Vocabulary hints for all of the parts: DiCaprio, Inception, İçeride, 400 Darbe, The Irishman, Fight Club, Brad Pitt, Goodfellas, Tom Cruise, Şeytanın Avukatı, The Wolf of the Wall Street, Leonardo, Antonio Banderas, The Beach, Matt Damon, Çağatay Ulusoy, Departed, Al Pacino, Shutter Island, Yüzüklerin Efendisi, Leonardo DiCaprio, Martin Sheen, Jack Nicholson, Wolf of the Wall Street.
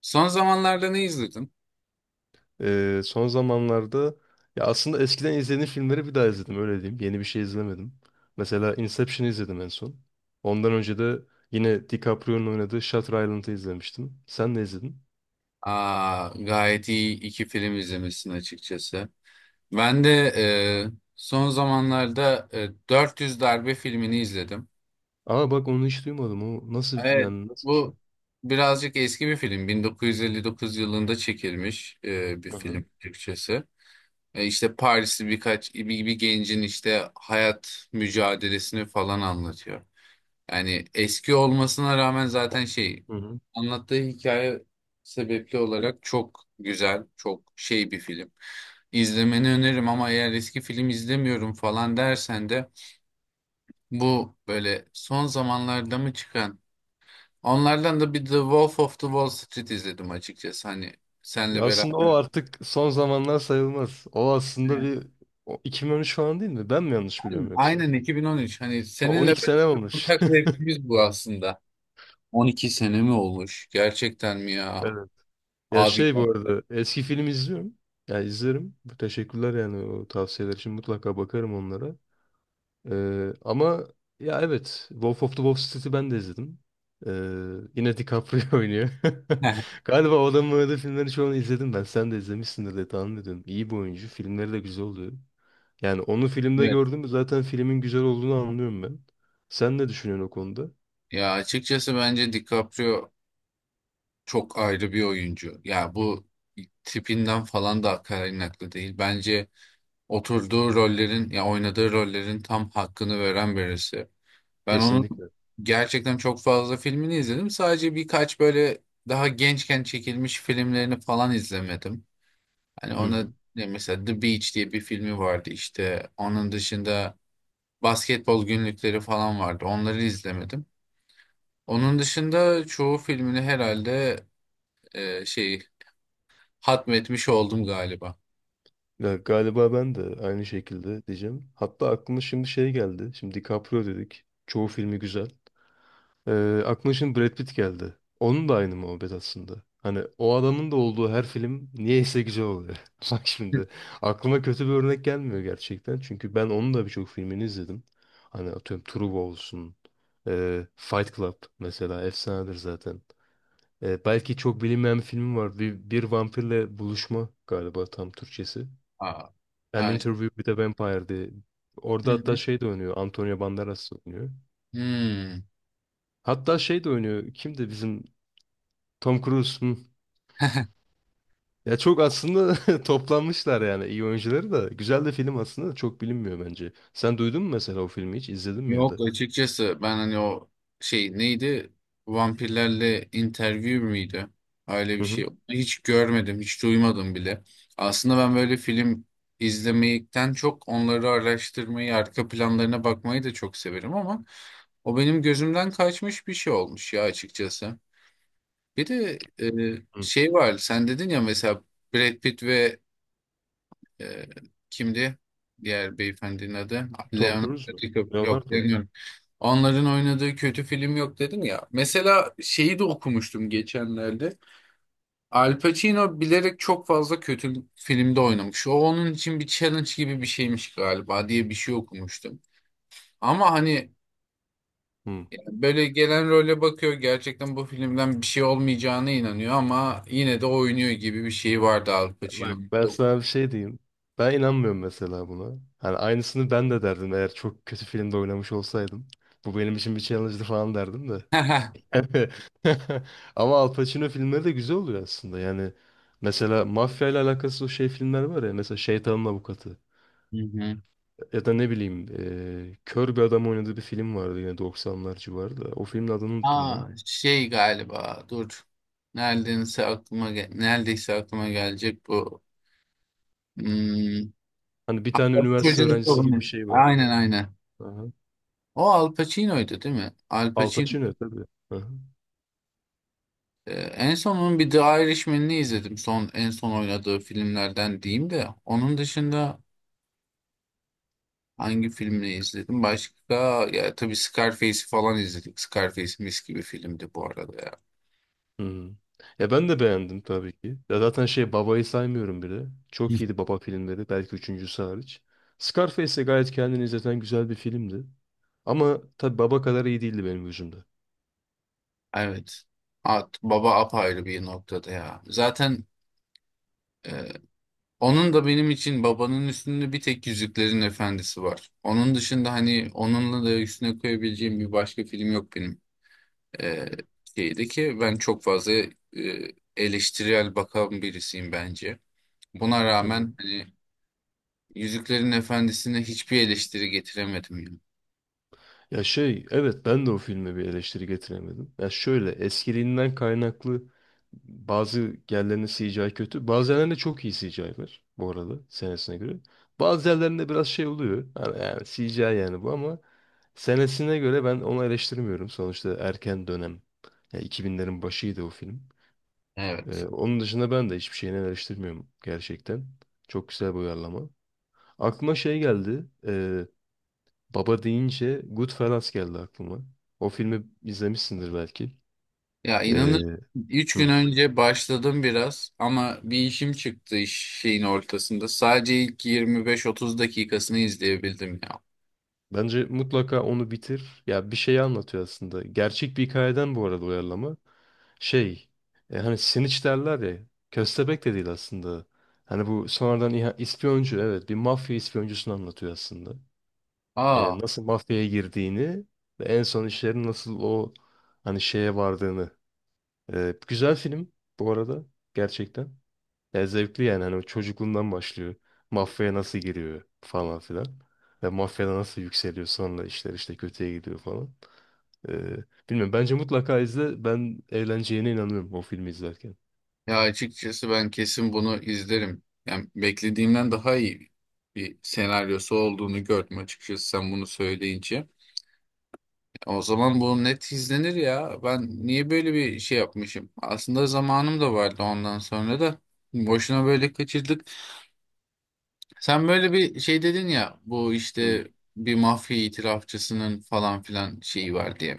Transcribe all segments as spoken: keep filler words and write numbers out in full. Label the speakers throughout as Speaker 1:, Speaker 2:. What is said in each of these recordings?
Speaker 1: Son zamanlarda ne izledin?
Speaker 2: Ee, son zamanlarda, ya aslında, eskiden izlediğim filmleri bir daha izledim, öyle diyeyim. Yeni bir şey izlemedim. Mesela Inception'ı izledim en son. Ondan önce de yine DiCaprio'nun oynadığı Shutter Island'ı izlemiştim. Sen ne izledin?
Speaker 1: Aa, gayet iyi iki film izlemişsin açıkçası. Ben de e, son zamanlarda e, dört yüz Darbe filmini izledim.
Speaker 2: Aa, bak onu hiç duymadım. O nasıl,
Speaker 1: Evet,
Speaker 2: yani nasıl bir şey?
Speaker 1: bu birazcık eski bir film. bin dokuz yüz elli dokuz yılında çekilmiş e, bir
Speaker 2: Hı hı.
Speaker 1: film Türkçesi. E, işte Parisli birkaç bir, bir gencin işte hayat mücadelesini falan anlatıyor. Yani eski olmasına rağmen zaten şey
Speaker 2: Hı.
Speaker 1: anlattığı hikaye sebepli olarak çok güzel, çok şey bir film. İzlemeni öneririm ama eğer eski film izlemiyorum falan dersen de bu böyle son zamanlarda mı çıkan onlardan da bir The Wolf of the Wall Street izledim açıkçası hani senle
Speaker 2: Ya
Speaker 1: beraber.
Speaker 2: aslında o
Speaker 1: Evet.
Speaker 2: artık son zamanlar sayılmaz. O aslında
Speaker 1: Evet.
Speaker 2: bir, o iki bin on üç falan değil mi? Ben mi yanlış
Speaker 1: Aynen,
Speaker 2: biliyorum yoksa?
Speaker 1: aynen iki bin on üç, hani seninle
Speaker 2: on iki
Speaker 1: beraber
Speaker 2: sene olmuş.
Speaker 1: ortak zevkimiz bu aslında. on iki sene mi olmuş? Gerçekten mi ya?
Speaker 2: Ya
Speaker 1: Abi.
Speaker 2: şey, bu arada eski film izliyorum. Ya izlerim. Bu teşekkürler yani, o tavsiyeler için mutlaka bakarım onlara. Ee, ama ya evet, Wolf of the Wall Street'i ben de izledim. Ee, yine DiCaprio oynuyor. Galiba o adamın oynadığı filmleri çoğunu izledim ben. Sen de izlemişsindir diye tahmin ediyorum. İyi bir oyuncu. Filmleri de güzel oluyor. Yani onu filmde
Speaker 1: Evet.
Speaker 2: gördüm mü zaten filmin güzel olduğunu anlıyorum ben. Sen ne düşünüyorsun o konuda?
Speaker 1: Ya açıkçası bence DiCaprio çok ayrı bir oyuncu. Ya bu tipinden falan da kaynaklı değil. Bence oturduğu rollerin ya oynadığı rollerin tam hakkını veren birisi. Ben onun
Speaker 2: Kesinlikle.
Speaker 1: gerçekten çok fazla filmini izledim. Sadece birkaç böyle daha gençken çekilmiş filmlerini falan izlemedim. Hani
Speaker 2: Hı
Speaker 1: ona
Speaker 2: hı.
Speaker 1: ne mesela The Beach diye bir filmi vardı işte. Onun dışında basketbol günlükleri falan vardı. Onları izlemedim. Onun dışında çoğu filmini herhalde e, şey hatmetmiş oldum galiba.
Speaker 2: Ya galiba ben de aynı şekilde diyeceğim. Hatta aklıma şimdi şey geldi. Şimdi DiCaprio dedik. Çoğu filmi güzel. Ee, aklıma şimdi Brad Pitt geldi. Onun da aynı muhabbet aslında. Hani o adamın da olduğu her film niyeyse güzel oluyor. Bak
Speaker 1: Hı.
Speaker 2: şimdi aklıma kötü bir örnek gelmiyor gerçekten. Çünkü ben onun da birçok filmini izledim. Hani atıyorum True olsun. e, Fight Club mesela efsanedir zaten. E, belki çok bilinmeyen bir filmi var. Bir, bir vampirle buluşma galiba tam Türkçesi.
Speaker 1: Aa,
Speaker 2: An
Speaker 1: ha, işte.
Speaker 2: Interview with a Vampire diye.
Speaker 1: Hı
Speaker 2: Orada hatta
Speaker 1: hı.
Speaker 2: şey de oynuyor. Antonio Banderas da oynuyor.
Speaker 1: Hmm.
Speaker 2: Hatta şey de oynuyor. Kimdi bizim Tom Cruise? Hı. Ya çok aslında toplanmışlar yani, iyi oyuncuları da. Güzel de film aslında, da çok bilinmiyor bence. Sen duydun mu mesela o filmi hiç? İzledin mi ya
Speaker 1: Yok,
Speaker 2: da?
Speaker 1: açıkçası ben hani o şey neydi? Vampirlerle interview miydi? Öyle bir
Speaker 2: Hı hı.
Speaker 1: şey. Hiç görmedim, hiç duymadım bile. Aslında ben böyle film izlemekten çok onları araştırmayı, arka planlarına bakmayı da çok severim ama o benim gözümden kaçmış bir şey olmuş ya açıkçası. Bir de e,
Speaker 2: Hı.
Speaker 1: şey var. Sen dedin ya mesela Brad Pitt ve e, kimdi? Diğer beyefendinin adı.
Speaker 2: Tom
Speaker 1: Leonardo
Speaker 2: Cruise mu?
Speaker 1: DiCaprio. Yok,
Speaker 2: Leonardo.
Speaker 1: Leonardo. Onların oynadığı kötü film yok dedin ya. Mesela şeyi de okumuştum geçenlerde. Al Pacino bilerek çok fazla kötü filmde oynamış. O onun için bir challenge gibi bir şeymiş galiba diye bir şey okumuştum. Ama hani
Speaker 2: Hı.
Speaker 1: böyle gelen role bakıyor, gerçekten bu filmden bir şey olmayacağına inanıyor ama yine de oynuyor gibi bir şey vardı Al
Speaker 2: Bak
Speaker 1: Pacino'nun.
Speaker 2: ben sana bir şey diyeyim. Ben inanmıyorum mesela buna. Hani aynısını ben de derdim eğer çok kötü filmde oynamış olsaydım. Bu benim için bir challenge'dı falan derdim de. Evet. Ama Al Pacino filmleri de güzel oluyor aslında. Yani mesela mafya ile alakası o şey filmler var ya. Mesela Şeytanın Avukatı.
Speaker 1: Hı hı.
Speaker 2: Ya da ne bileyim eee, kör bir adam oynadığı bir film vardı yine doksanlar civarında. O filmin adını unuttum ben.
Speaker 1: Aa, şey galiba dur. Neredeyse aklıma ge- neredeyse aklıma gelecek bu. Hmm.
Speaker 2: Hani bir tane üniversite
Speaker 1: Çocuğun
Speaker 2: öğrencisi gibi
Speaker 1: sorunu.
Speaker 2: bir şey var.
Speaker 1: Aynen, aynen.
Speaker 2: Aha.
Speaker 1: O Al Pacino'ydu değil mi? Al
Speaker 2: Al
Speaker 1: Pacino.
Speaker 2: Pacino tabii. Aha.
Speaker 1: Ee, en son onun bir The Irishman'ini izledim. Son en son oynadığı filmlerden diyeyim de. Onun dışında hangi filmini izledim? Başka ya tabii Scarface'i falan izledik. Scarface mis gibi filmdi bu arada ya.
Speaker 2: Hmm. Ya ben de beğendim tabii ki. Ya zaten şey, Baba'yı saymıyorum bile.
Speaker 1: Hı.
Speaker 2: Çok iyiydi Baba filmleri. Belki üçüncüsü hariç. Scarface de gayet kendini izleten güzel bir filmdi. Ama tabii Baba kadar iyi değildi benim gözümde.
Speaker 1: Evet. At, baba apayrı bir noktada ya. Zaten e, onun da benim için babanın üstünde bir tek Yüzüklerin Efendisi var. Onun dışında hani onunla da üstüne koyabileceğim bir başka film yok benim. E, Şeyde ki ben çok fazla e, eleştirel bakan birisiyim bence. Buna
Speaker 2: Hı.
Speaker 1: rağmen hani Yüzüklerin Efendisi'ne hiçbir eleştiri getiremedim ya.
Speaker 2: Ya şey evet, ben de o filme bir eleştiri getiremedim. Ya şöyle, eskiliğinden kaynaklı bazı yerlerinde C G I kötü. Bazı yerlerinde çok iyi C G I var bu arada senesine göre. Bazı yerlerinde biraz şey oluyor. Yani, yani C G I yani bu, ama senesine göre ben onu eleştirmiyorum. Sonuçta erken dönem. Ya iki binlerin başıydı o film.
Speaker 1: Evet.
Speaker 2: Ee, onun dışında ben de hiçbir şeyini eleştirmiyorum gerçekten. Çok güzel bir uyarlama. Aklıma şey geldi. ee, Baba deyince Goodfellas geldi aklıma. O filmi izlemişsindir belki.
Speaker 1: Ya
Speaker 2: Ee,
Speaker 1: inanır üç gün
Speaker 2: hı.
Speaker 1: önce başladım biraz ama bir işim çıktı iş şeyin ortasında. Sadece ilk yirmi beş otuz dakikasını izleyebildim ya.
Speaker 2: Bence mutlaka onu bitir. Ya bir şeyi anlatıyor aslında. Gerçek bir hikayeden bu arada uyarlama. Şey, e, hani Snitch derler ya. Köstebek de değil aslında. Hani bu sonradan iha- ispiyoncu, evet, bir mafya ispiyoncusunu anlatıyor aslında. E,
Speaker 1: Aa,
Speaker 2: nasıl mafyaya girdiğini ve en son işlerin nasıl o, hani şeye vardığını. E, güzel film bu arada, gerçekten. Ya zevkli yani, hani çocukluğundan başlıyor. Mafyaya nasıl giriyor falan filan. Ve mafyada nasıl yükseliyor, sonra işler işte kötüye gidiyor falan. Ee, bilmiyorum, bence mutlaka izle. Ben eğleneceğine inanıyorum o filmi izlerken.
Speaker 1: ya açıkçası ben kesin bunu izlerim. Yani beklediğimden daha iyi bir senaryosu olduğunu gördüm açıkçası sen bunu söyleyince. O zaman bu net izlenir ya. Ben niye böyle bir şey yapmışım? Aslında zamanım da vardı ondan sonra da. Boşuna böyle kaçırdık. Sen böyle bir şey dedin ya bu
Speaker 2: Hmm.
Speaker 1: işte bir mafya itirafçısının falan filan şeyi var diye.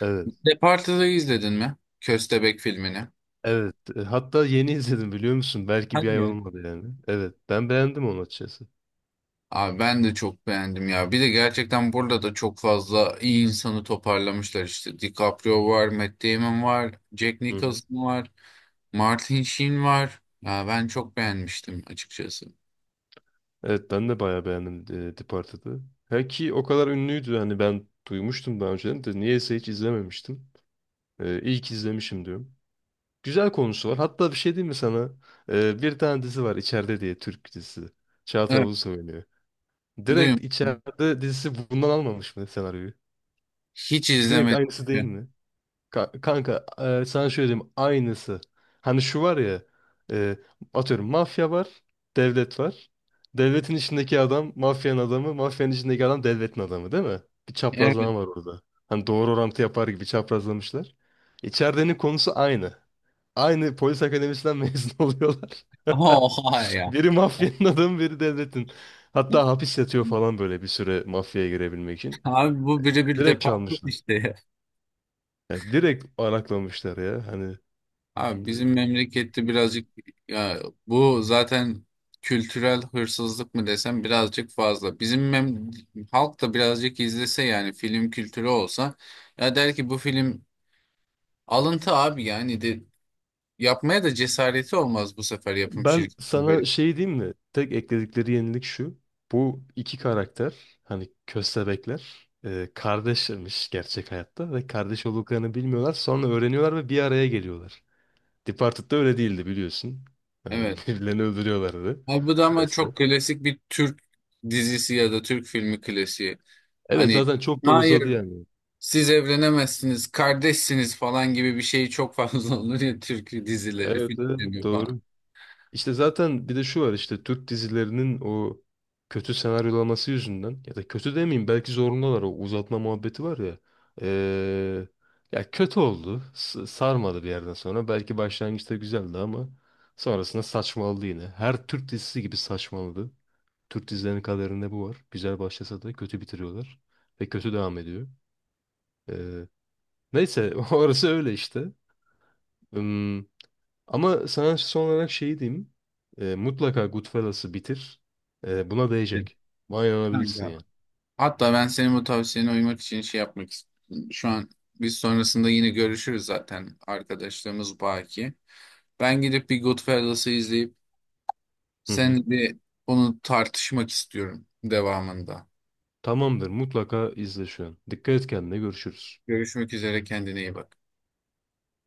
Speaker 2: Evet.
Speaker 1: Departed'ı izledin mi? Köstebek filmini.
Speaker 2: Evet. E, hatta yeni izledim biliyor musun? Belki bir
Speaker 1: Hadi
Speaker 2: ay
Speaker 1: ya.
Speaker 2: olmadı yani. Evet. Ben beğendim onu açıkçası.
Speaker 1: Abi ben de çok beğendim ya. Bir de gerçekten burada da çok fazla iyi insanı toparlamışlar işte. DiCaprio var, Matt Damon var, Jack
Speaker 2: Hı hı.
Speaker 1: Nicholson var, Martin Sheen var. Ya ben çok beğenmiştim açıkçası.
Speaker 2: Evet ben de bayağı beğendim e, Departed'ı. Ha ki o kadar ünlüydü hani, ben duymuştum daha önceden de niyeyse hiç izlememiştim. E, ilk izlemişim diyorum. Güzel konusu var. Hatta bir şey diyeyim mi sana? Ee, bir tane dizi var içeride diye, Türk dizisi. Çağatay
Speaker 1: Evet.
Speaker 2: Ulusoy oynuyor. Direkt
Speaker 1: Duyun.
Speaker 2: içeride dizisi bundan almamış mı senaryoyu?
Speaker 1: Hiç
Speaker 2: Direkt
Speaker 1: izlemedim.
Speaker 2: aynısı değil mi? Ka- kanka, e, sana şöyle diyeyim, aynısı. Hani şu var ya, e, atıyorum mafya var, devlet var. Devletin içindeki adam mafyanın adamı, mafyanın içindeki adam devletin adamı, değil mi? Bir
Speaker 1: Evet.
Speaker 2: çaprazlama var orada. Hani doğru orantı yapar gibi çaprazlamışlar. İçeridenin konusu aynı. Aynı polis akademisinden mezun oluyorlar.
Speaker 1: Oha ya.
Speaker 2: Biri mafyanın adamı, biri devletin. Hatta hapis yatıyor falan böyle bir süre mafyaya girebilmek için.
Speaker 1: Abi bu birebir
Speaker 2: Direkt
Speaker 1: departman
Speaker 2: çalmışlar.
Speaker 1: işte ya.
Speaker 2: Ya direkt araklamışlar ya. Hani
Speaker 1: Abi
Speaker 2: e,
Speaker 1: bizim memlekette birazcık ya bu zaten kültürel hırsızlık mı desem birazcık fazla. Bizim mem halk da birazcık izlese yani film kültürü olsa ya der ki bu film alıntı abi yani de yapmaya da cesareti olmaz bu sefer yapım
Speaker 2: ben
Speaker 1: şirketinin
Speaker 2: sana
Speaker 1: böyle.
Speaker 2: şey diyeyim mi? Tek ekledikleri yenilik şu. Bu iki karakter, hani köstebekler, e, kardeşmiş gerçek hayatta ve kardeş olduklarını bilmiyorlar. Sonra öğreniyorlar ve bir araya geliyorlar. Departed'da öyle değildi biliyorsun. Hani
Speaker 1: Evet.
Speaker 2: birbirlerini öldürüyorlardı.
Speaker 1: Abi bu da ama çok klasik bir Türk dizisi ya da Türk filmi klasiği.
Speaker 2: Evet,
Speaker 1: Hani
Speaker 2: zaten çok da
Speaker 1: hayır
Speaker 2: uzadı yani.
Speaker 1: siz evlenemezsiniz, kardeşsiniz falan gibi bir şey çok fazla olur ya Türk dizileri,
Speaker 2: Evet, evet,
Speaker 1: filmleri falan.
Speaker 2: doğru. İşte zaten bir de şu var, işte Türk dizilerinin o kötü senaryolaması yüzünden, ya da kötü demeyeyim, belki zorundalar, o uzatma muhabbeti var ya. Ee, ya kötü oldu. S- sarmadı bir yerden sonra. Belki başlangıçta güzeldi ama sonrasında saçmaladı yine. Her Türk dizisi gibi saçmaladı. Türk dizilerinin kaderinde bu var. Güzel başlasa da kötü bitiriyorlar ve kötü devam ediyor. Ee, neyse, orası öyle işte. Hmm. Ama sana son olarak şeyi diyeyim. E, mutlaka Goodfellas'ı bitir. E, buna
Speaker 1: Evet.
Speaker 2: değecek. Buna inanabilirsin yani.
Speaker 1: Kanka. Hatta ben senin bu tavsiyene uymak için şey yapmak istiyorum. Şu an biz sonrasında yine görüşürüz zaten arkadaşlarımız baki. Ben gidip bir Goodfellas'ı izleyip
Speaker 2: Hı hı.
Speaker 1: seninle bir onu tartışmak istiyorum devamında.
Speaker 2: Tamamdır. Mutlaka izle şu an. Dikkat et kendine. Görüşürüz.
Speaker 1: Görüşmek üzere kendine iyi bak.